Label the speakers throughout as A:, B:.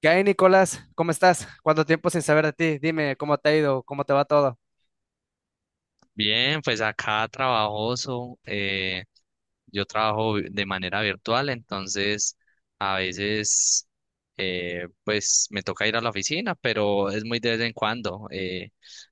A: ¿Qué hay, Nicolás? ¿Cómo estás? ¿Cuánto tiempo sin saber de ti? Dime, ¿cómo te ha ido? ¿Cómo te va todo?
B: Bien, pues acá trabajoso, yo de manera virtual, entonces a veces pues me toca ir a la oficina, pero es muy de vez en cuando.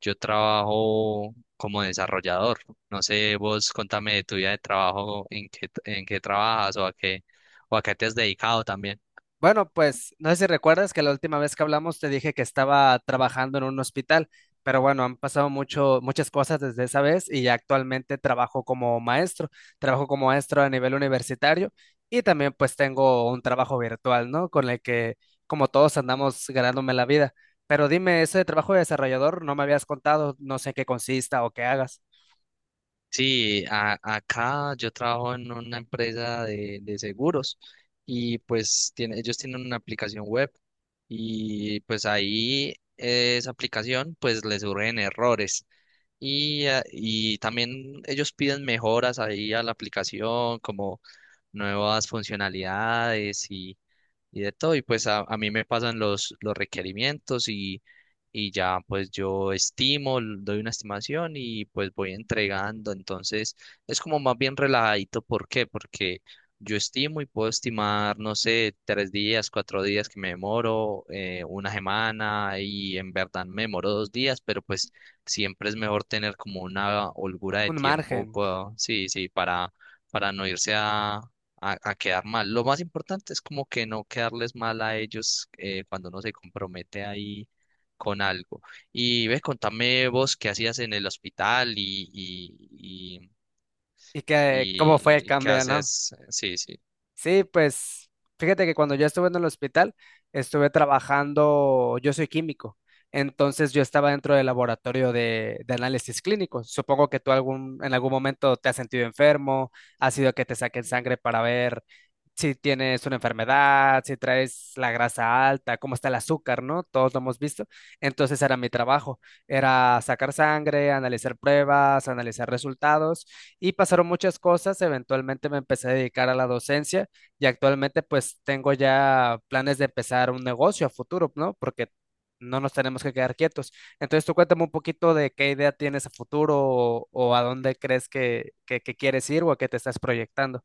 B: Yo trabajo como desarrollador. No sé, vos contame de tu vida de trabajo, en qué trabajas o a qué te has dedicado también.
A: Bueno, pues no sé si recuerdas que la última vez que hablamos te dije que estaba trabajando en un hospital, pero bueno, han pasado muchas cosas desde esa vez y ya actualmente trabajo como maestro a nivel universitario y también pues tengo un trabajo virtual, ¿no? Con el que como todos andamos ganándome la vida. Pero dime, ese trabajo de desarrollador no me habías contado, no sé en qué consista o qué hagas.
B: Sí, acá yo trabajo en una empresa de seguros y pues tiene, ellos tienen una aplicación web y pues ahí esa aplicación pues les surgen errores y también ellos piden mejoras ahí a la aplicación como nuevas funcionalidades y de todo. Y pues a mí me pasan los requerimientos y ya pues doy una estimación y pues voy entregando. Entonces es como más bien relajadito. ¿Por qué? Porque yo estimo y puedo estimar, no sé, tres días, cuatro días que me demoro, una semana y en verdad me demoro dos días, pero pues siempre es mejor tener como una holgura de
A: Un
B: tiempo,
A: margen.
B: sí, sí, para no irse a quedar mal. Lo más importante es como que no quedarles mal a ellos cuando uno se compromete ahí con algo. Y ve, contame vos qué hacías en el hospital y,
A: ¿Y que cómo fue el
B: y qué
A: cambio, no?
B: haces. Sí, sí.
A: Sí, pues fíjate que cuando yo estuve en el hospital, estuve trabajando, yo soy químico, entonces yo estaba dentro del laboratorio de análisis clínico. Supongo que tú en algún momento te has sentido enfermo, ha sido que te saquen sangre para ver si tienes una enfermedad, si traes la grasa alta, cómo está el azúcar, ¿no? Todos lo hemos visto. Entonces era mi trabajo, era sacar sangre, analizar pruebas, analizar resultados y pasaron muchas cosas. Eventualmente me empecé a dedicar a la docencia y actualmente pues tengo ya planes de empezar un negocio a futuro, ¿no? Porque no nos tenemos que quedar quietos. Entonces tú cuéntame un poquito de qué idea tienes a futuro o a dónde crees que quieres ir o a qué te estás proyectando.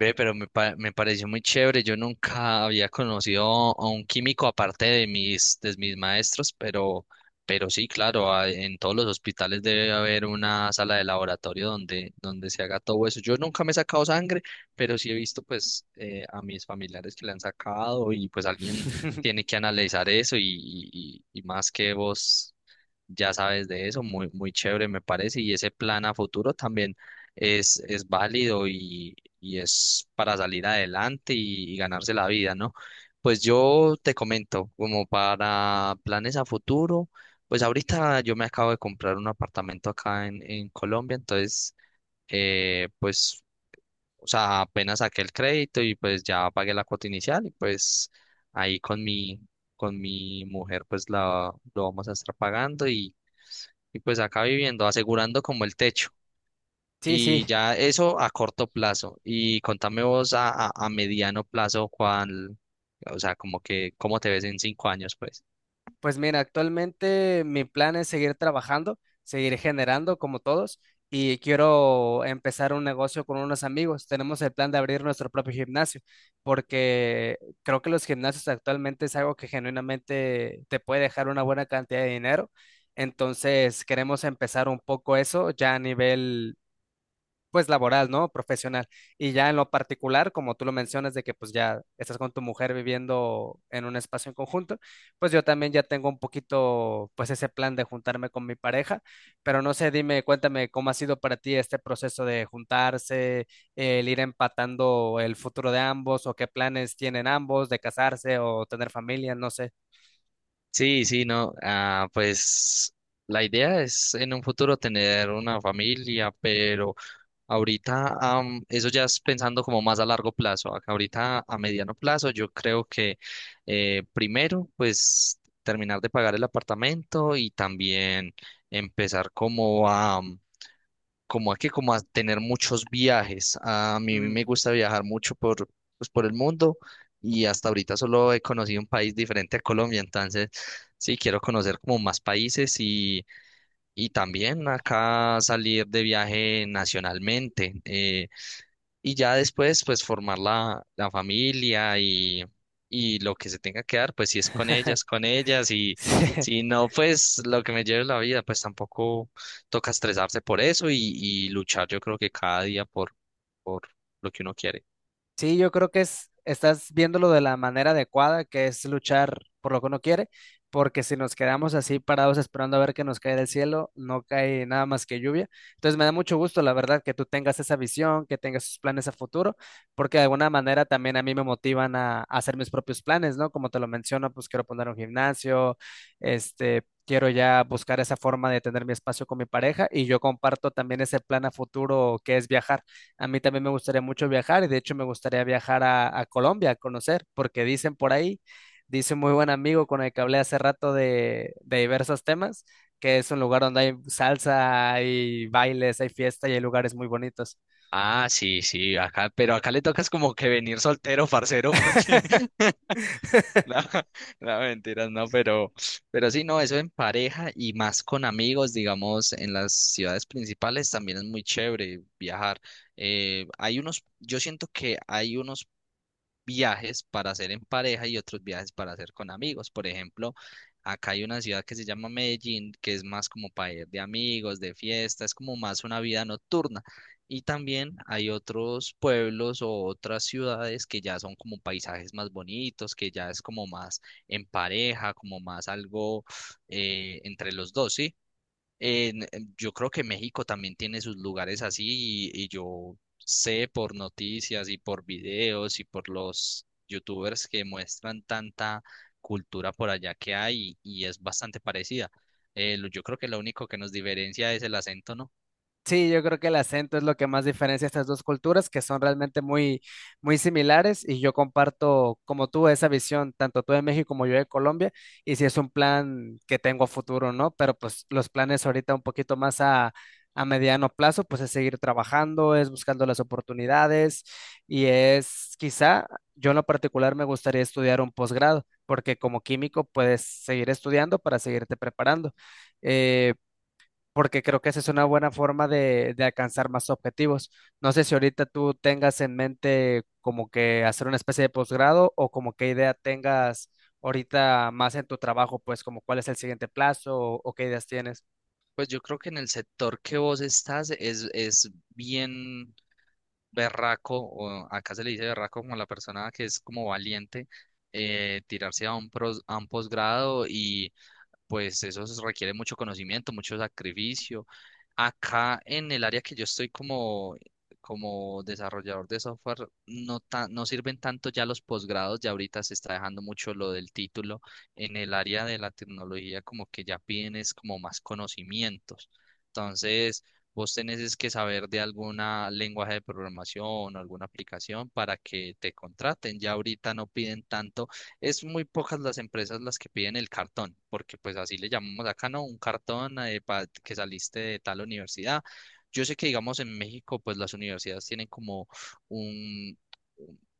B: Ve, me pareció muy chévere. Yo nunca había conocido a un químico aparte de mis maestros, pero sí, claro, en todos los hospitales debe haber una sala de laboratorio donde se haga todo eso. Yo nunca me he sacado sangre, pero sí he visto pues a mis familiares que le han sacado y pues alguien tiene que analizar eso y más que vos ya sabes de eso, muy, muy chévere me parece y ese plan a futuro también es válido y es para salir adelante y ganarse la vida, ¿no? Pues yo te comento, como para planes a futuro, pues ahorita yo me acabo de comprar un apartamento en Colombia, entonces, eh, pues, o sea, apenas saqué el crédito y pues ya pagué la cuota inicial y pues ahí con mi mujer pues lo vamos a estar pagando y pues acá viviendo, asegurando como el techo.
A: Sí,
B: Y
A: sí,
B: ya eso a corto plazo. Y contame vos a mediano plazo, o sea, como que, ¿cómo te ves en 5 años, pues?
A: pues mira, actualmente mi plan es seguir trabajando, seguir generando como todos y quiero empezar un negocio con unos amigos. Tenemos el plan de abrir nuestro propio gimnasio porque creo que los gimnasios actualmente es algo que genuinamente te puede dejar una buena cantidad de dinero. Entonces queremos empezar un poco eso ya a nivel pues laboral, ¿no? Profesional. Y ya en lo particular, como tú lo mencionas, de que pues ya estás con tu mujer viviendo en un espacio en conjunto, pues yo también ya tengo un poquito pues ese plan de juntarme con mi pareja, pero no sé, dime, cuéntame cómo ha sido para ti este proceso de juntarse, el ir empatando el futuro de ambos o qué planes tienen ambos de casarse o tener familia, no sé.
B: Sí, sí, no. Ah, pues la idea es en un futuro tener una familia, pero ahorita eso ya es pensando como más a largo plazo. Acá ahorita a mediano plazo yo creo que primero pues terminar de pagar el apartamento y también empezar como a tener muchos viajes. A mí
A: Mm.
B: me gusta viajar mucho pues, por el mundo y hasta ahorita solo he conocido un país diferente a Colombia, entonces sí, quiero conocer como más países y también acá salir de viaje nacionalmente. Y ya después, pues formar la familia y lo que se tenga que dar, pues si es con ellas, con ellas. Y
A: Sí.
B: si no, pues lo que me lleve la vida, pues tampoco toca estresarse por eso y luchar yo creo que cada día por lo que uno quiere.
A: Sí, yo creo que es, estás viéndolo de la manera adecuada, que es luchar por lo que uno quiere, porque si nos quedamos así parados esperando a ver que nos cae del cielo, no cae nada más que lluvia. Entonces me da mucho gusto, la verdad, que tú tengas esa visión, que tengas esos planes a futuro, porque de alguna manera también a mí me motivan a hacer mis propios planes, ¿no? Como te lo menciono, pues quiero poner un gimnasio, este... Quiero ya buscar esa forma de tener mi espacio con mi pareja y yo comparto también ese plan a futuro que es viajar. A mí también me gustaría mucho viajar y de hecho me gustaría viajar a Colombia a conocer, porque dicen por ahí, dice un muy buen amigo con el que hablé hace rato de diversos temas, que es un lugar donde hay salsa, hay bailes, hay fiesta y hay lugares muy bonitos.
B: Ah, sí, sí, acá, pero acá le tocas como que venir soltero, parcero, porque no, no, mentiras, no, pero sí, no, eso en pareja y más con amigos, digamos, en las ciudades principales también es muy chévere viajar. Yo siento que hay unos viajes para hacer en pareja y otros viajes para hacer con amigos. Por ejemplo, acá hay una ciudad que se llama Medellín, que es más como para ir de amigos, de fiesta, es como más una vida nocturna. Y también hay otros pueblos o otras ciudades que ya son como paisajes más bonitos, que ya es como más en pareja, como más algo entre los dos, ¿sí? Yo creo que México también tiene sus lugares así y yo sé por noticias y por videos y por los youtubers que muestran tanta cultura por allá que hay y, es bastante parecida. Yo creo que lo único que nos diferencia es el acento, ¿no?
A: Sí, yo creo que el acento es lo que más diferencia estas dos culturas, que son realmente muy similares, y yo comparto como tú esa visión, tanto tú de México como yo de Colombia, y si es un plan que tengo a futuro, ¿no? Pero pues los planes ahorita un poquito más a mediano plazo, pues es seguir trabajando, es buscando las oportunidades, y es quizá, yo en lo particular me gustaría estudiar un posgrado, porque como químico puedes seguir estudiando para seguirte preparando. Eh, Porque creo que esa es una buena forma de alcanzar más objetivos. No sé si ahorita tú tengas en mente como que hacer una especie de posgrado o como qué idea tengas ahorita más en tu trabajo, pues como cuál es el siguiente plazo o qué ideas tienes.
B: Pues yo creo que en el sector que vos estás es bien berraco, o acá se le dice berraco como a la persona que es como valiente, tirarse a a un posgrado y pues eso se requiere mucho conocimiento, mucho sacrificio. Acá en el área que yo estoy como desarrollador de software, no sirven tanto ya los posgrados, ya ahorita se está dejando mucho lo del título. En el área de la tecnología como que ya piden es como más conocimientos. Entonces, vos tenés es que saber de alguna lenguaje de programación o alguna aplicación para que te contraten. Ya ahorita no piden tanto. Es muy pocas las empresas las que piden el cartón, porque pues así le llamamos acá, ¿no? Un cartón que saliste de tal universidad. Yo sé que, digamos, en México, pues las universidades tienen como un,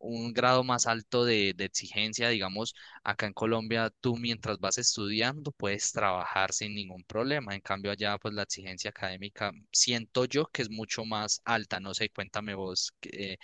B: un grado más alto de exigencia, digamos, acá en Colombia, tú mientras vas estudiando puedes trabajar sin ningún problema. En cambio, allá pues la exigencia académica siento yo que es mucho más alta. No sé, cuéntame vos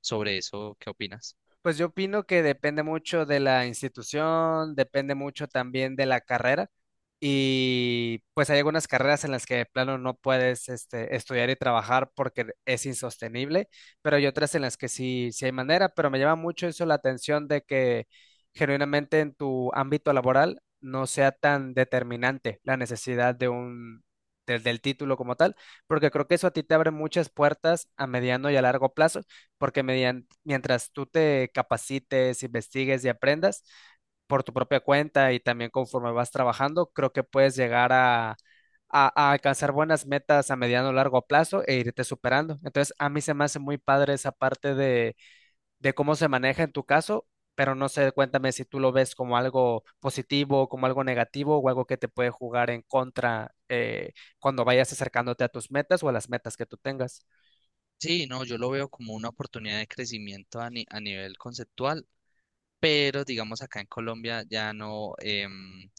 B: sobre eso, ¿qué opinas?
A: Pues yo opino que depende mucho de la institución, depende mucho también de la carrera y pues hay algunas carreras en las que de plano no puedes este, estudiar y trabajar porque es insostenible, pero hay otras en las que sí, sí hay manera, pero me llama mucho eso la atención de que genuinamente en tu ámbito laboral no sea tan determinante la necesidad de un... del título como tal, porque creo que eso a ti te abre muchas puertas a mediano y a largo plazo porque mientras tú te capacites, investigues y aprendas por tu propia cuenta y también conforme vas trabajando, creo que puedes llegar a alcanzar buenas metas a mediano o largo plazo e irte superando. Entonces, a mí se me hace muy padre esa parte de cómo se maneja en tu caso, pero no sé, cuéntame si tú lo ves como algo positivo, como algo negativo o algo que te puede jugar en contra cuando vayas acercándote a tus metas o a las metas que tú tengas.
B: Sí, no, yo lo veo como una oportunidad de crecimiento a, ni- a nivel conceptual, pero digamos acá en Colombia ya no,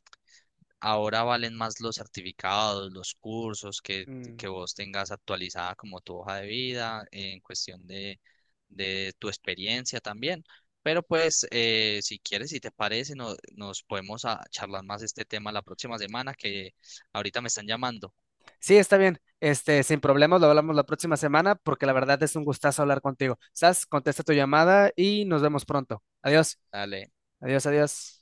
B: ahora valen más los certificados, los cursos que vos tengas actualizada como tu hoja de vida en cuestión de tu experiencia también. Pero pues si quieres, si te parece, nos podemos charlar más este tema la próxima semana que ahorita me están llamando.
A: Sí, está bien. Este, sin problemas, lo hablamos la próxima semana porque la verdad es un gustazo hablar contigo. Sas, contesta tu llamada y nos vemos pronto. Adiós,
B: Dale.
A: adiós, adiós.